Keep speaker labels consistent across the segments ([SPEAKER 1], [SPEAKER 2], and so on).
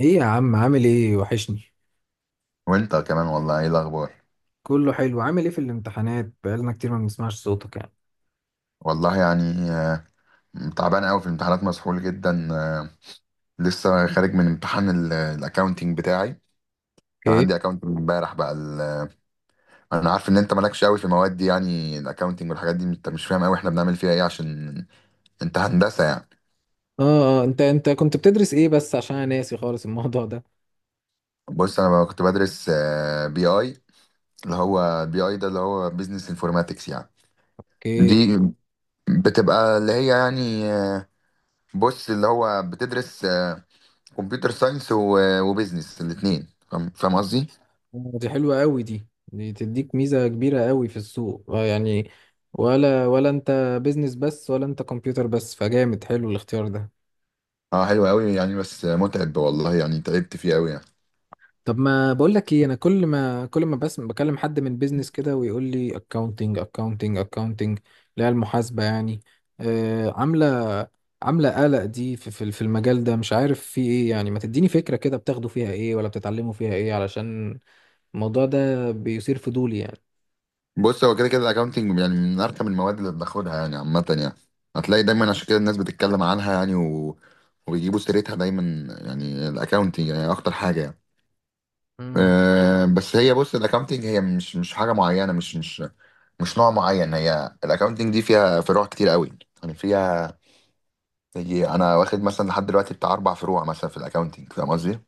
[SPEAKER 1] ايه يا عم، عامل ايه؟ وحشني.
[SPEAKER 2] وانت كمان، والله ايه الاخبار؟
[SPEAKER 1] كله حلو. عامل ايه في الامتحانات؟ بقالنا كتير ما بنسمعش صوتك يعني.
[SPEAKER 2] والله يعني تعبان قوي في الامتحانات، مسحول جدا، لسه خارج من امتحان الاكاونتنج بتاعي. كان
[SPEAKER 1] اوكي.
[SPEAKER 2] عندي اكاونتنج امبارح بقى انا عارف ان انت مالكش قوي في المواد دي، يعني الاكاونتنج والحاجات دي انت مش فاهم قوي احنا بنعمل فيها ايه، عشان انت هندسة يعني.
[SPEAKER 1] اه انت كنت بتدرس ايه؟ بس عشان انا ناسي خالص الموضوع ده.
[SPEAKER 2] بص انا بقى كنت بدرس بي اي، اللي هو بي اي ده اللي هو بيزنس انفورماتكس يعني.
[SPEAKER 1] اوكي.
[SPEAKER 2] دي بتبقى اللي هي يعني، بص اللي هو بتدرس، كمبيوتر ساينس و- وبيزنس الاثنين، فاهم قصدي.
[SPEAKER 1] دي حلوة قوي دي. دي تديك ميزة كبيرة قوي في السوق يعني. ولا انت بيزنس بس، ولا انت كمبيوتر بس؟ فجامد حلو الاختيار ده.
[SPEAKER 2] اه، حلو قوي يعني بس متعب، والله يعني تعبت فيه قوي يعني.
[SPEAKER 1] طب ما بقول لك ايه، انا كل ما بس بكلم حد من بيزنس كده ويقول لي اكاونتنج اكاونتنج اكاونتنج، اللي هي المحاسبة يعني. آه، عاملة عاملة قلق دي، في المجال ده مش عارف في ايه يعني. ما تديني فكرة كده بتاخدوا فيها ايه ولا بتتعلموا فيها ايه، علشان الموضوع ده بيثير فضولي يعني.
[SPEAKER 2] بص هو كده كده الاكونتنج يعني من ارخم المواد اللي بناخدها يعني عامه يعني. هتلاقي دايما عشان كده الناس بتتكلم عنها يعني وبيجيبوا سيرتها دايما، يعني الاكونتنج يعني اكتر حاجه يعني.
[SPEAKER 1] امم
[SPEAKER 2] أه بس هي، بص الاكونتنج هي مش حاجه معينه، مش نوع معين. هي الاكونتنج دي فيها فروع كتير قوي. يعني فيها، يجي انا واخد مثلا لحد دلوقتي بتاع اربع فروع مثلا في الاكونتنج، فاهم قصدي.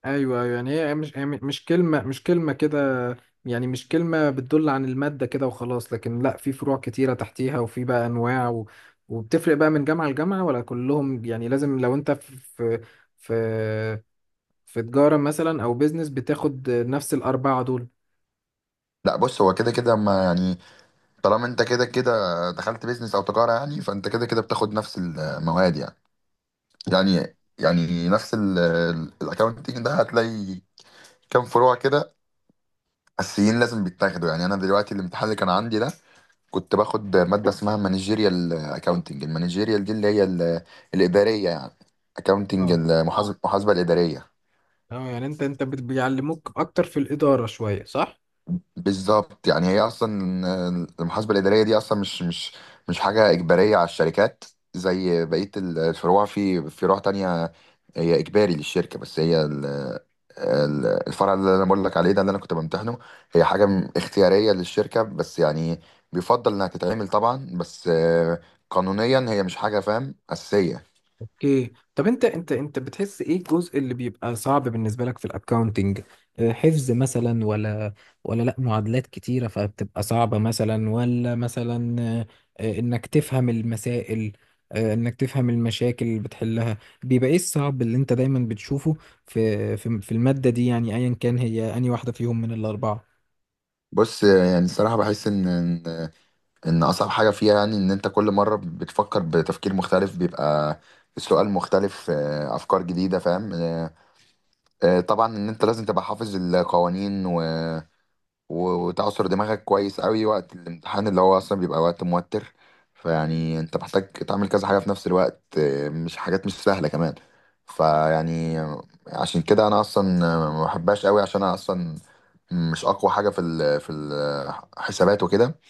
[SPEAKER 1] ايوه ايوه، يعني هي مش كلمه كده. يعني مش كلمه بتدل عن الماده كده وخلاص، لكن لا، في فروع كتيره تحتيها وفي بقى انواع وبتفرق بقى من جامعه لجامعه، ولا كلهم يعني لازم لو انت في في, في تجاره مثلا او بيزنس بتاخد نفس الاربعه دول؟
[SPEAKER 2] لا بص هو كده كده ما يعني، طالما انت كده كده دخلت بيزنس او تجاره، يعني فانت كده كده بتاخد نفس المواد يعني. يعني نفس الاكونتنج ده، هتلاقي كام فروع كده اساسيين لازم بيتاخدوا. يعني انا دلوقتي الامتحان اللي كان عندي ده كنت باخد ماده اسمها مانجيريال اكاونتنج، المانجيريال دي اللي هي الاداريه يعني، اكاونتنج
[SPEAKER 1] اه
[SPEAKER 2] المحاسبه، المحاسبه الاداريه.
[SPEAKER 1] اه، يعني انت انت بيعلموك اكتر في الاداره شويه، صح؟
[SPEAKER 2] بالظبط، يعني هي اصلا، المحاسبه الاداريه دي اصلا مش حاجه اجباريه على الشركات زي بقيه الفروع. في فروع تانية هي اجباري للشركه، بس هي الفرع اللي انا بقول لك عليه ده اللي انا كنت بمتحنه، هي حاجه اختياريه للشركه بس، يعني بيفضل انها تتعمل طبعا، بس، قانونيا هي مش حاجه فاهم اساسيه.
[SPEAKER 1] اوكي، طب انت بتحس ايه الجزء اللي بيبقى صعب بالنسبه لك في الاكاونتنج؟ حفظ مثلا؟ ولا ولا لا معادلات كتيره فبتبقى صعبه مثلا؟ ولا مثلا آه، آه، انك تفهم المسائل؟ انك تفهم المشاكل اللي بتحلها؟ بيبقى ايه الصعب اللي انت دايما بتشوفه في الماده دي، يعني ايا كان هي اني واحده فيهم من الاربعه.
[SPEAKER 2] بص، يعني الصراحه بحس ان إن اصعب حاجه فيها يعني ان انت كل مره بتفكر بتفكير مختلف، بيبقى السؤال مختلف، افكار جديده، فاهم. طبعا ان انت لازم تبقى حافظ القوانين وتعصر دماغك كويس قوي وقت الامتحان اللي هو اصلا بيبقى وقت موتر. فيعني انت محتاج تعمل كذا حاجه في نفس الوقت، مش حاجات مش سهله كمان. فيعني عشان كده انا اصلا، ما بحبهاش قوي، عشان انا اصلا مش اقوى حاجه في في الحسابات وكده.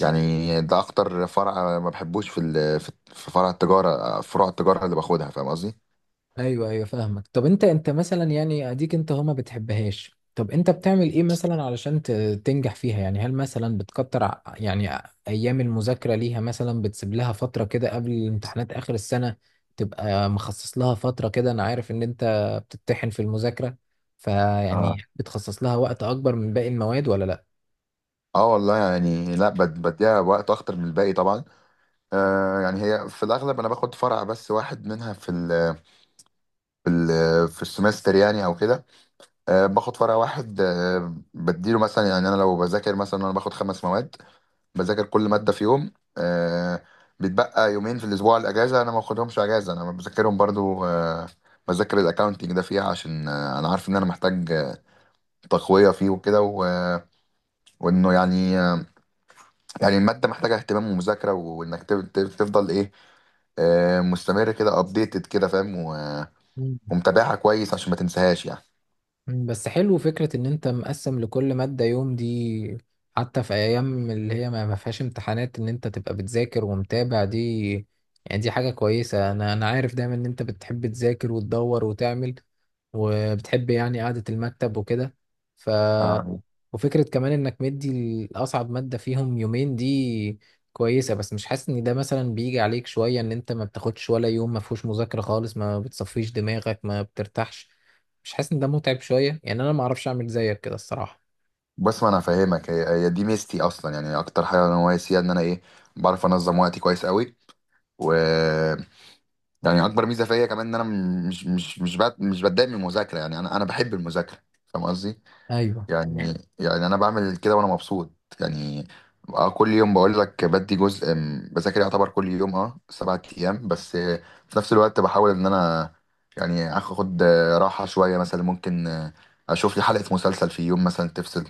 [SPEAKER 2] يعني ده اكتر فرع ما بحبوش في في فرع التجاره، فروع التجاره اللي باخدها، فاهم قصدي.
[SPEAKER 1] ايوه ايوه، فاهمك. طب انت مثلا، يعني اديك انت هو ما بتحبهاش، طب انت بتعمل ايه مثلا علشان تنجح فيها يعني؟ هل مثلا بتكتر يعني ايام المذاكره ليها مثلا؟ بتسيب لها فتره كده قبل الامتحانات اخر السنه تبقى مخصص لها فتره كده؟ انا عارف ان انت بتتحن في المذاكره، فيعني
[SPEAKER 2] اه،
[SPEAKER 1] بتخصص لها وقت اكبر من باقي المواد ولا
[SPEAKER 2] اه والله يعني، لا بديها وقت اكتر من الباقي طبعا. آه يعني هي في الاغلب انا باخد فرع بس واحد منها في ال في السمستر يعني او كده. آه، باخد فرع واحد، آه بديله مثلا، يعني انا لو بذاكر مثلا، انا باخد خمس مواد، بذاكر كل مادة في يوم. آه، بيتبقى يومين في الأسبوع الأجازة، أنا ما باخدهمش أجازة أنا بذاكرهم برضو. آه، بذاكر الأكاونتينج ده فيها، عشان آه أنا عارف إن أنا محتاج، تقوية فيه وكده وإنه يعني آه، يعني المادة محتاجة اهتمام ومذاكرة، وإنك تفضل إيه، آه مستمر كده، أبديتد كده فاهم،
[SPEAKER 1] لا؟
[SPEAKER 2] ومتابعها كويس عشان ما تنساهاش يعني.
[SPEAKER 1] بس حلو فكرة ان انت مقسم لكل مادة يوم دي، حتى في ايام اللي هي ما فيهاش امتحانات ان انت تبقى بتذاكر ومتابع دي. يعني دي حاجة كويسة. انا عارف دايما ان انت بتحب تذاكر وتدور وتعمل، وبتحب يعني قعدة المكتب وكده. ف
[SPEAKER 2] آه
[SPEAKER 1] وفكرة كمان انك مدي الاصعب مادة فيهم يومين دي كويسة. بس مش حاسس ان ده مثلا بيجي عليك شوية ان انت ما بتاخدش ولا يوم ما فيهوش مذاكرة خالص، ما بتصفيش دماغك، ما بترتاحش؟ مش حاسس ان ده متعب شويه يعني؟ انا ما اعرفش اعمل زيك كده الصراحه.
[SPEAKER 2] بس ما أنا فاهمك، هي دي ميزتي أصلا يعني، أكتر حاجة أنا ناقص فيها إن أنا إيه، بعرف أنظم وقتي كويس قوي. و يعني اكبر ميزه فيا كمان ان انا مش بتضايق من المذاكره، يعني انا بحب المذاكره، فاهم قصدي.
[SPEAKER 1] ايوه،
[SPEAKER 2] يعني انا بعمل كده وانا مبسوط يعني. كل يوم بقول لك بدي جزء، بذاكر يعتبر كل يوم، اه 7 ايام بس، في نفس الوقت بحاول ان انا يعني اخد، راحه شويه، مثلا ممكن، اشوف لي حلقه مسلسل في يوم مثلا تفصل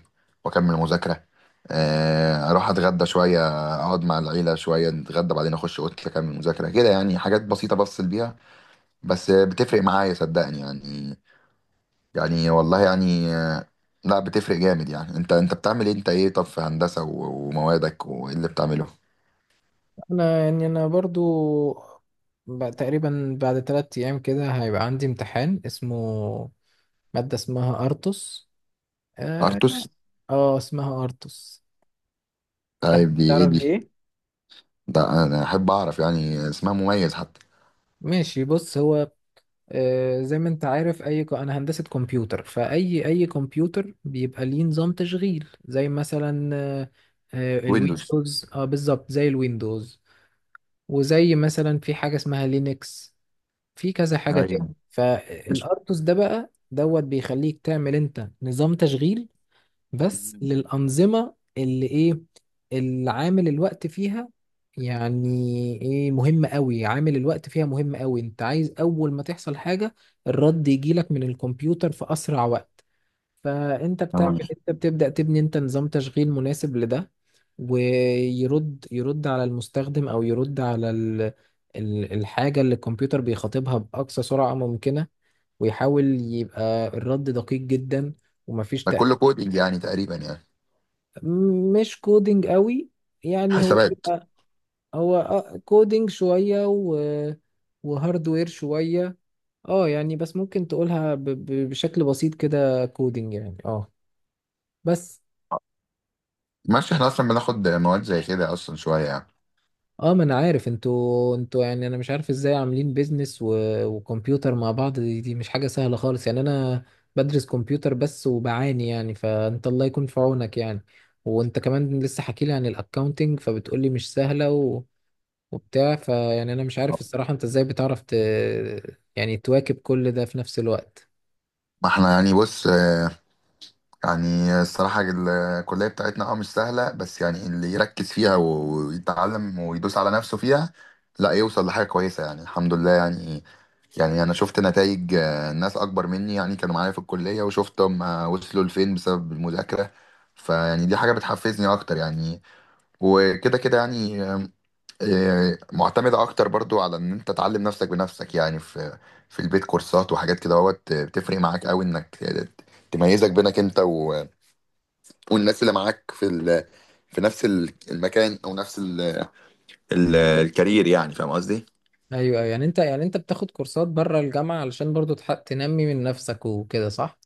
[SPEAKER 2] واكمل مذاكره، اروح اتغدى شويه، اقعد مع العيله شويه نتغدى، بعدين اخش اوضتي اكمل مذاكره كده. يعني حاجات بسيطه بفصل بيها، بس بتفرق معايا صدقني يعني. يعني والله يعني، لا بتفرق جامد يعني. انت بتعمل ايه؟ انت ايه، طب في هندسة وموادك وايه اللي بتعمله؟
[SPEAKER 1] انا يعني انا برضو بقى تقريبا بعد 3 ايام كده هيبقى عندي امتحان اسمه، مادة اسمها ارتوس. اه،
[SPEAKER 2] ارتوس،
[SPEAKER 1] اسمها ارتوس.
[SPEAKER 2] طيب دي ايه
[SPEAKER 1] تعرف
[SPEAKER 2] دي؟
[SPEAKER 1] ايه؟
[SPEAKER 2] ده انا احب اعرف يعني، اسمها مميز حتى.
[SPEAKER 1] ماشي، بص هو زي ما انت عارف، اي انا هندسة كمبيوتر، فاي اي كمبيوتر بيبقى ليه نظام تشغيل زي مثلا
[SPEAKER 2] ويندوز،
[SPEAKER 1] الويندوز. اه بالظبط زي الويندوز. وزي مثلا في حاجة اسمها لينكس، في كذا حاجة تاني.
[SPEAKER 2] ايوه. مش
[SPEAKER 1] فالارتوس ده بقى دوت بيخليك تعمل انت نظام تشغيل، بس للأنظمة اللي إيه، اللي عامل الوقت فيها يعني إيه مهم قوي. عامل الوقت فيها مهم قوي. أنت عايز أول ما تحصل حاجة الرد يجيلك من الكمبيوتر في أسرع وقت. فأنت بتعمل،
[SPEAKER 2] آه.
[SPEAKER 1] أنت بتبدأ تبني أنت نظام تشغيل مناسب لده. ويرد، يرد على المستخدم أو يرد على الحاجة اللي الكمبيوتر بيخاطبها بأقصى سرعة ممكنة، ويحاول يبقى الرد دقيق جدا ومفيش
[SPEAKER 2] ده كله
[SPEAKER 1] تأخير.
[SPEAKER 2] كودينج يعني تقريبا يعني،
[SPEAKER 1] مش كودينج قوي، يعني هو
[SPEAKER 2] حسابات.
[SPEAKER 1] بيبقى، هو آه كودينج شوية وهاردوير شوية. اه يعني، بس ممكن تقولها بشكل بسيط كده كودينج يعني، اه بس.
[SPEAKER 2] ماشي، احنا اصلا بناخد مواد زي كده اصلا شوية يعني.
[SPEAKER 1] اه ما انا عارف، انتوا يعني انا مش عارف ازاي عاملين بيزنس و... وكمبيوتر مع بعض. دي مش حاجة سهلة خالص يعني. انا بدرس كمبيوتر بس وبعاني يعني، فانت الله يكون في عونك يعني. وانت كمان لسه حكي لي عن الاكاونتنج فبتقولي مش سهلة وبتاع. فيعني انا مش عارف الصراحة انت ازاي بتعرف يعني تواكب كل ده في نفس الوقت.
[SPEAKER 2] ما احنا يعني، بص يعني الصراحة الكلية بتاعتنا اه مش سهلة، بس يعني اللي يركز فيها ويتعلم ويدوس على نفسه فيها لا يوصل لحاجة كويسة يعني، الحمد لله يعني. يعني أنا شفت نتائج، ناس أكبر مني يعني كانوا معايا في الكلية وشفتهم، وصلوا لفين بسبب المذاكرة. فيعني دي حاجة بتحفزني أكتر يعني. وكده كده يعني، معتمدة أكتر برضو على إن أنت تعلم نفسك بنفسك يعني، في في البيت كورسات وحاجات كده اهوت، بتفرق معاك أوي إنك، تميزك بينك أنت والناس اللي معاك في في نفس المكان او نفس الكارير، يعني فاهم قصدي.
[SPEAKER 1] ايوه أيوة. يعني انت، يعني انت بتاخد كورسات بره الجامعة علشان برضو تنمي من نفسك وكده، صح؟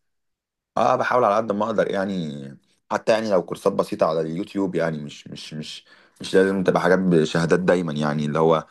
[SPEAKER 2] اه، بحاول على قد ما اقدر يعني. حتى يعني لو كورسات بسيطة على اليوتيوب يعني، مش لازم تبقى حاجات بشهادات دايما يعني، اللي هو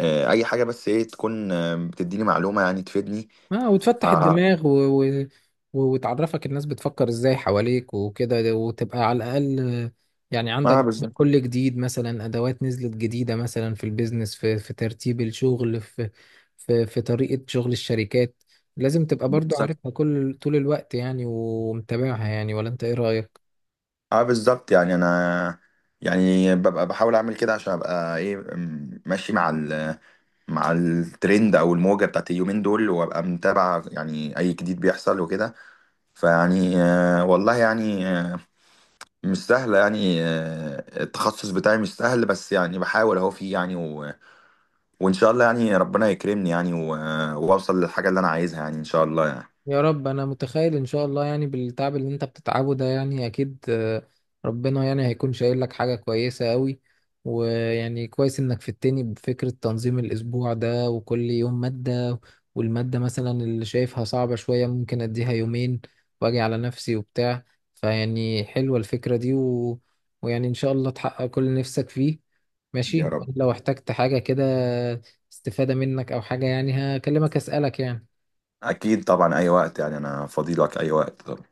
[SPEAKER 2] آه اي حاجة، بس ايه تكون آه بتديني معلومة يعني تفيدني.
[SPEAKER 1] اه، وتفتح
[SPEAKER 2] اه.
[SPEAKER 1] الدماغ وتعرفك الناس بتفكر ازاي حواليك وكده، وتبقى على الاقل يعني
[SPEAKER 2] اه
[SPEAKER 1] عندك
[SPEAKER 2] بالظبط.
[SPEAKER 1] كل جديد. مثلا ادوات نزلت جديدة مثلا في البيزنس، في في ترتيب الشغل، في طريقة شغل الشركات، لازم تبقى برضو
[SPEAKER 2] بالظبط
[SPEAKER 1] عارفها كل طول الوقت يعني ومتابعها يعني، ولا انت ايه رأيك؟
[SPEAKER 2] اه بالظبط، يعني انا يعني ببقى بحاول اعمل كده عشان ابقى ايه ماشي مع ال مع الترند او الموجه بتاعت اليومين دول، وابقى متابع يعني اي جديد بيحصل وكده. فيعني، والله يعني، مش سهل يعني، التخصص بتاعي مش سهل، بس يعني بحاول اهو فيه يعني وان شاء الله يعني ربنا يكرمني يعني واوصل للحاجه اللي انا عايزها يعني، ان شاء الله يعني.
[SPEAKER 1] يا رب. انا متخيل ان شاء الله، يعني بالتعب اللي انت بتتعبه ده يعني اكيد ربنا يعني هيكون شايل لك حاجة كويسة قوي. ويعني كويس انك فدتني بفكرة تنظيم الاسبوع ده وكل يوم مادة، والمادة مثلا اللي شايفها صعبة شوية ممكن اديها يومين واجي على نفسي وبتاع. فيعني حلوة الفكرة دي ويعني ان شاء الله تحقق كل اللي نفسك فيه.
[SPEAKER 2] يا
[SPEAKER 1] ماشي،
[SPEAKER 2] رب،
[SPEAKER 1] لو احتجت حاجة كده استفادة منك او حاجة يعني هكلمك اسألك يعني.
[SPEAKER 2] اكيد طبعا اي وقت، يعني انا فاضي لك اي وقت.